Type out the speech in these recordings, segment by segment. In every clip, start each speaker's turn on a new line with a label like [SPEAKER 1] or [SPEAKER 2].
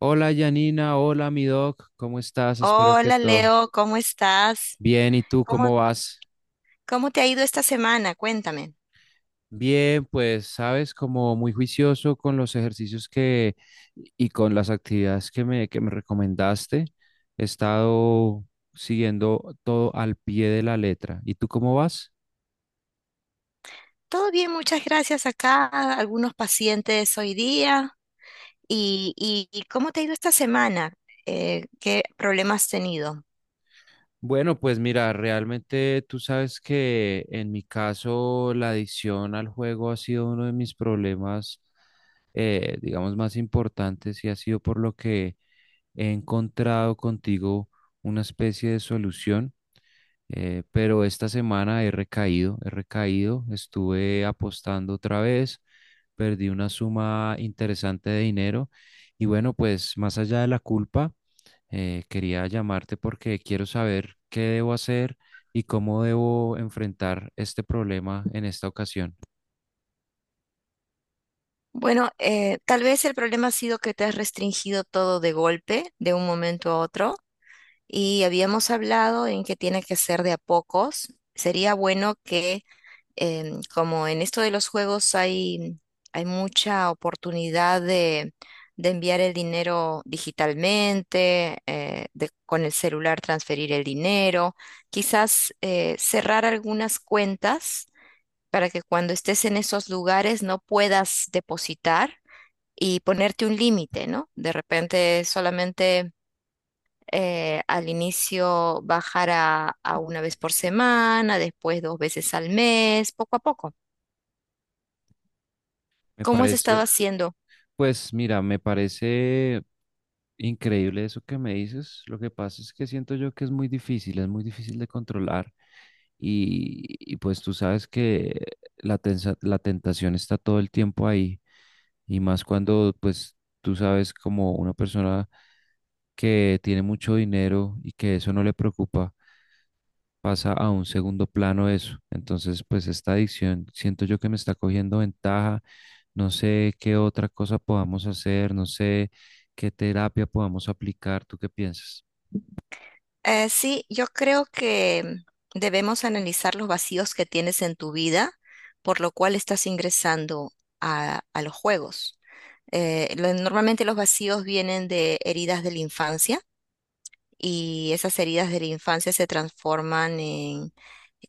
[SPEAKER 1] Hola Janina, hola mi doc, ¿cómo estás? Espero que
[SPEAKER 2] Hola
[SPEAKER 1] todo
[SPEAKER 2] Leo, ¿cómo estás?
[SPEAKER 1] bien. ¿Y tú
[SPEAKER 2] ¿Cómo,
[SPEAKER 1] cómo vas?
[SPEAKER 2] cómo te ha ido esta semana? Cuéntame.
[SPEAKER 1] Bien, pues sabes, como muy juicioso con los ejercicios que y con las actividades que me recomendaste. He estado siguiendo todo al pie de la letra. ¿Y tú cómo vas?
[SPEAKER 2] Todo bien, muchas gracias acá. Algunos pacientes hoy día. ¿Y cómo te ha ido esta semana? ¿Qué problemas has tenido?
[SPEAKER 1] Bueno, pues mira, realmente tú sabes que en mi caso la adicción al juego ha sido uno de mis problemas, digamos, más importantes y ha sido por lo que he encontrado contigo una especie de solución, pero esta semana he recaído, estuve apostando otra vez, perdí una suma interesante de dinero y bueno, pues más allá de la culpa, quería llamarte porque quiero saber qué debo hacer y cómo debo enfrentar este problema en esta ocasión.
[SPEAKER 2] Bueno, tal vez el problema ha sido que te has restringido todo de golpe, de un momento a otro, y habíamos hablado en que tiene que ser de a pocos. Sería bueno que como en esto de los juegos hay mucha oportunidad de enviar el dinero digitalmente, de con el celular transferir el dinero, quizás cerrar algunas cuentas para que cuando estés en esos lugares no puedas depositar y ponerte un límite, ¿no? De repente solamente, al inicio bajar a una vez por semana, después dos veces al mes, poco a poco.
[SPEAKER 1] Me
[SPEAKER 2] ¿Cómo has estado
[SPEAKER 1] parece...
[SPEAKER 2] haciendo?
[SPEAKER 1] Pues mira, me parece increíble eso que me dices. Lo que pasa es que siento yo que es muy difícil de controlar. Y pues tú sabes que la tentación está todo el tiempo ahí. Y más cuando pues tú sabes como una persona que tiene mucho dinero y que eso no le preocupa pasa a un segundo plano eso. Entonces, pues esta adicción siento yo que me está cogiendo ventaja. No sé qué otra cosa podamos hacer, no sé qué terapia podamos aplicar. ¿Tú qué piensas?
[SPEAKER 2] Sí, yo creo que debemos analizar los vacíos que tienes en tu vida, por lo cual estás ingresando a los juegos. Normalmente los vacíos vienen de heridas de la infancia y esas heridas de la infancia se transforman en,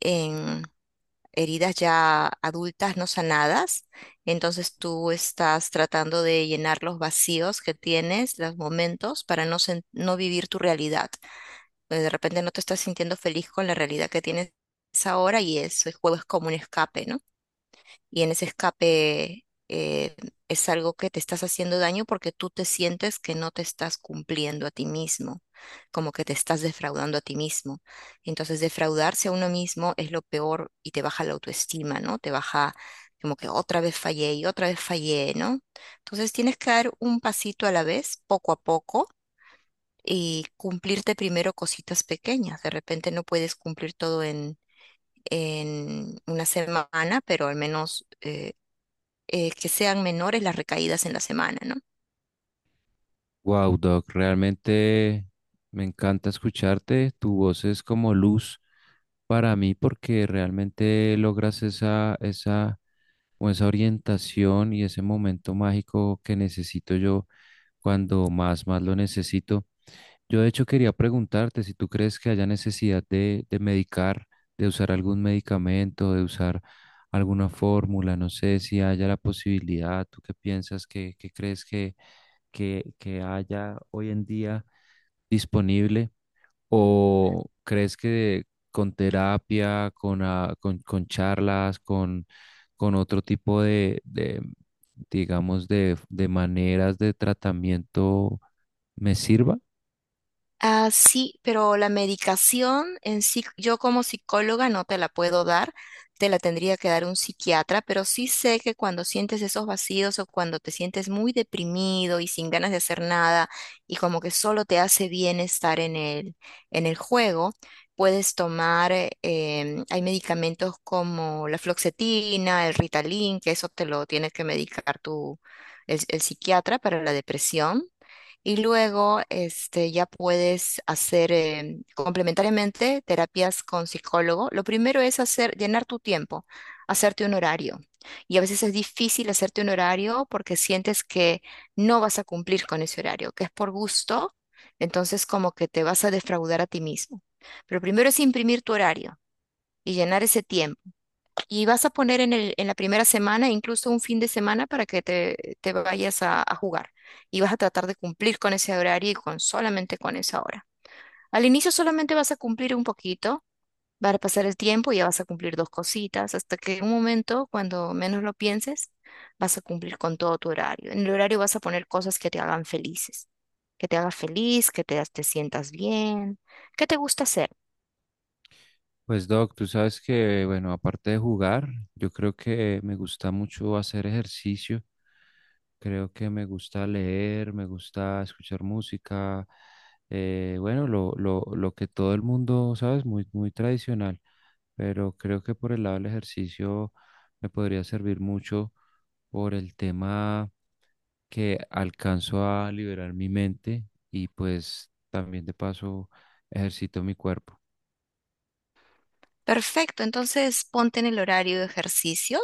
[SPEAKER 2] en heridas ya adultas no sanadas. Entonces tú estás tratando de llenar los vacíos que tienes, los momentos, para no vivir tu realidad. Pues, de repente no te estás sintiendo feliz con la realidad que tienes ahora y eso, el juego es como un escape, ¿no? Y en ese escape es algo que te estás haciendo daño porque tú te sientes que no te estás cumpliendo a ti mismo, como que te estás defraudando a ti mismo. Entonces, defraudarse a uno mismo es lo peor y te baja la autoestima, ¿no? Te baja como que otra vez fallé y otra vez fallé, ¿no? Entonces, tienes que dar un pasito a la vez, poco a poco y cumplirte primero cositas pequeñas. De repente no puedes cumplir todo en una semana, pero al menos que sean menores las recaídas en la semana, ¿no?
[SPEAKER 1] Wow, Doc, realmente me encanta escucharte. Tu voz es como luz para mí porque realmente logras o esa orientación y ese momento mágico que necesito yo cuando más, más lo necesito. Yo de hecho quería preguntarte si tú crees que haya necesidad de medicar, de usar algún medicamento, de usar alguna fórmula, no sé si haya la posibilidad, ¿tú qué piensas, qué crees que haya hoy en día disponible? ¿O crees que con terapia, con charlas, con otro tipo digamos, de maneras de tratamiento me sirva?
[SPEAKER 2] Ah, sí, pero la medicación en sí, yo como psicóloga no te la puedo dar, te la tendría que dar un psiquiatra, pero sí sé que cuando sientes esos vacíos o cuando te sientes muy deprimido y sin ganas de hacer nada y como que solo te hace bien estar en el juego, puedes tomar, hay medicamentos como la fluoxetina, el Ritalin, que eso te lo tiene que medicar tu, el psiquiatra para la depresión. Y luego, este, ya puedes hacer complementariamente terapias con psicólogo. Lo primero es hacer, llenar tu tiempo, hacerte un horario. Y a veces es difícil hacerte un horario porque sientes que no vas a cumplir con ese horario, que es por gusto, entonces como que te vas a defraudar a ti mismo. Pero primero es imprimir tu horario y llenar ese tiempo. Y vas a poner en el, en la primera semana, incluso un fin de semana, para que te vayas a jugar. Y vas a tratar de cumplir con ese horario y con solamente con esa hora. Al inicio solamente vas a cumplir un poquito, va a pasar el tiempo y ya vas a cumplir dos cositas, hasta que en un momento, cuando menos lo pienses, vas a cumplir con todo tu horario. En el horario vas a poner cosas que te hagan felices, que te haga feliz, que te sientas bien, que te gusta hacer.
[SPEAKER 1] Pues Doc, tú sabes que, bueno, aparte de jugar, yo creo que me gusta mucho hacer ejercicio, creo que me gusta leer, me gusta escuchar música, bueno, lo que todo el mundo, ¿sabes? Muy, muy tradicional, pero creo que por el lado del ejercicio me podría servir mucho por el tema que alcanzo a liberar mi mente y pues también de paso ejercito mi cuerpo.
[SPEAKER 2] Perfecto, entonces ponte en el horario de ejercicio,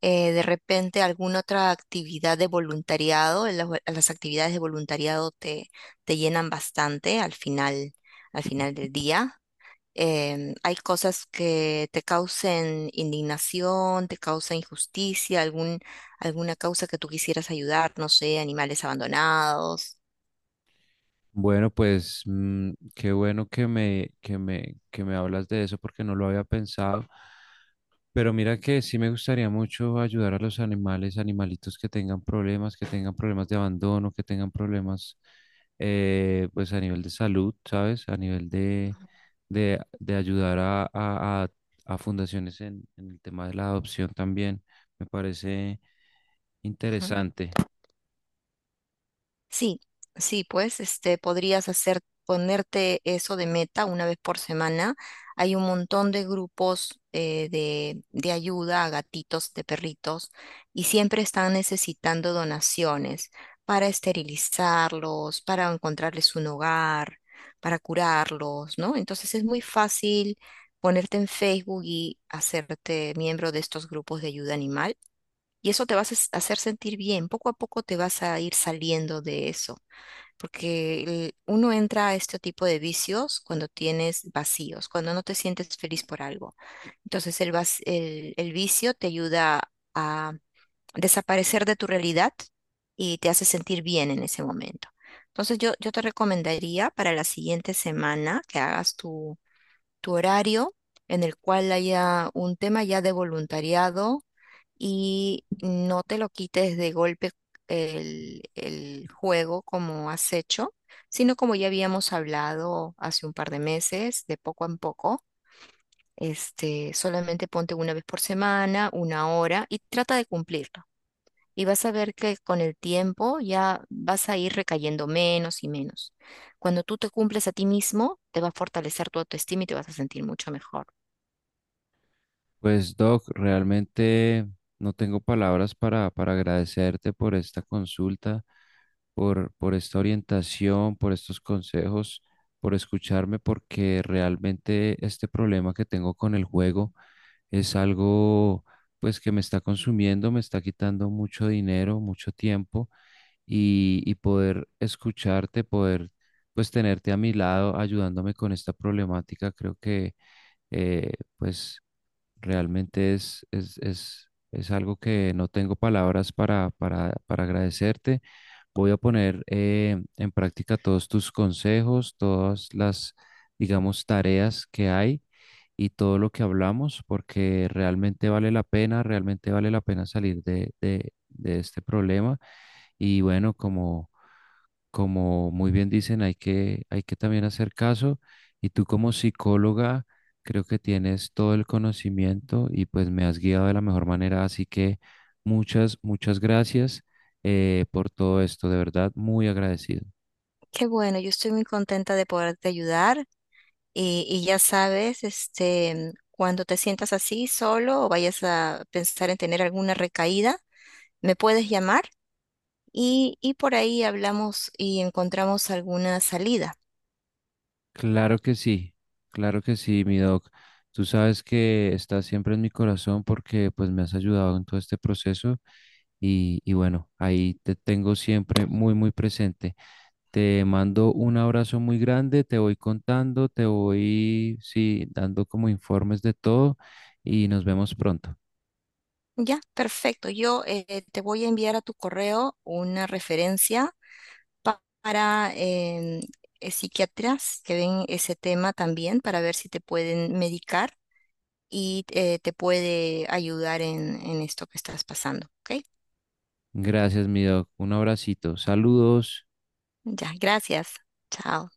[SPEAKER 2] de repente alguna otra actividad de voluntariado, en las actividades de voluntariado te, te llenan bastante al final del día. Hay cosas que te causen indignación, te causa injusticia, alguna causa que tú quisieras ayudar, no sé, animales abandonados.
[SPEAKER 1] Bueno, pues mm, qué bueno que me hablas de eso porque no lo había pensado. Pero mira que sí me gustaría mucho ayudar a los animales, animalitos que tengan problemas de abandono, que tengan problemas pues a nivel de salud, ¿sabes? A nivel de ayudar a fundaciones en el tema de la adopción también. Me parece interesante.
[SPEAKER 2] Sí, sí, pues este podrías hacer ponerte eso de meta una vez por semana. Hay un montón de grupos de ayuda a gatitos, de perritos, y siempre están necesitando donaciones para esterilizarlos, para encontrarles un hogar, para curarlos, ¿no? Entonces es muy fácil ponerte en Facebook y hacerte miembro de estos grupos de ayuda animal. Y eso te vas a hacer sentir bien. Poco a poco te vas a ir saliendo de eso. Porque uno entra a este tipo de vicios cuando tienes vacíos, cuando no te sientes feliz por algo. Entonces el vicio te ayuda a desaparecer de tu realidad y te hace sentir bien en ese momento. Entonces yo te recomendaría para la siguiente semana que hagas tu, tu horario en el cual haya un tema ya de voluntariado y no te lo quites de golpe el juego como has hecho, sino como ya habíamos hablado hace un par de meses, de poco en poco, este, solamente ponte una vez por semana, una hora y trata de cumplirlo. Y vas a ver que con el tiempo ya vas a ir recayendo menos y menos. Cuando tú te cumples a ti mismo, te va a fortalecer tu autoestima y te vas a sentir mucho mejor.
[SPEAKER 1] Pues Doc, realmente no tengo palabras para agradecerte por esta consulta, por esta orientación, por estos consejos, por escucharme, porque realmente este problema que tengo con el juego es algo pues que me está consumiendo, me está quitando mucho dinero, mucho tiempo y poder escucharte, poder pues tenerte a mi lado ayudándome con esta problemática, creo que eh, pues realmente es algo que no tengo palabras para agradecerte. Voy a poner en práctica todos tus consejos, todas las, digamos, tareas que hay y todo lo que hablamos, porque realmente vale la pena, realmente vale la pena salir de este problema. Y bueno, como muy bien dicen, hay que también hacer caso y tú como psicóloga creo que tienes todo el conocimiento y pues me has guiado de la mejor manera, así que muchas gracias por todo esto, de verdad, muy agradecido.
[SPEAKER 2] Qué bueno, yo estoy muy contenta de poderte ayudar. Y ya sabes, este, cuando te sientas así solo o vayas a pensar en tener alguna recaída, me puedes llamar y por ahí hablamos y encontramos alguna salida.
[SPEAKER 1] Claro que sí, claro que sí, mi doc. Tú sabes que estás siempre en mi corazón porque pues me has ayudado en todo este proceso y bueno, ahí te tengo siempre muy, muy presente. Te mando un abrazo muy grande, te voy contando, te voy, sí, dando como informes de todo y nos vemos pronto.
[SPEAKER 2] Ya, perfecto. Yo te voy a enviar a tu correo una referencia para psiquiatras que ven ese tema también para ver si te pueden medicar y te puede ayudar en esto que estás pasando. ¿Ok?
[SPEAKER 1] Gracias, mi doc. Un abracito. Saludos.
[SPEAKER 2] Ya, gracias. Chao.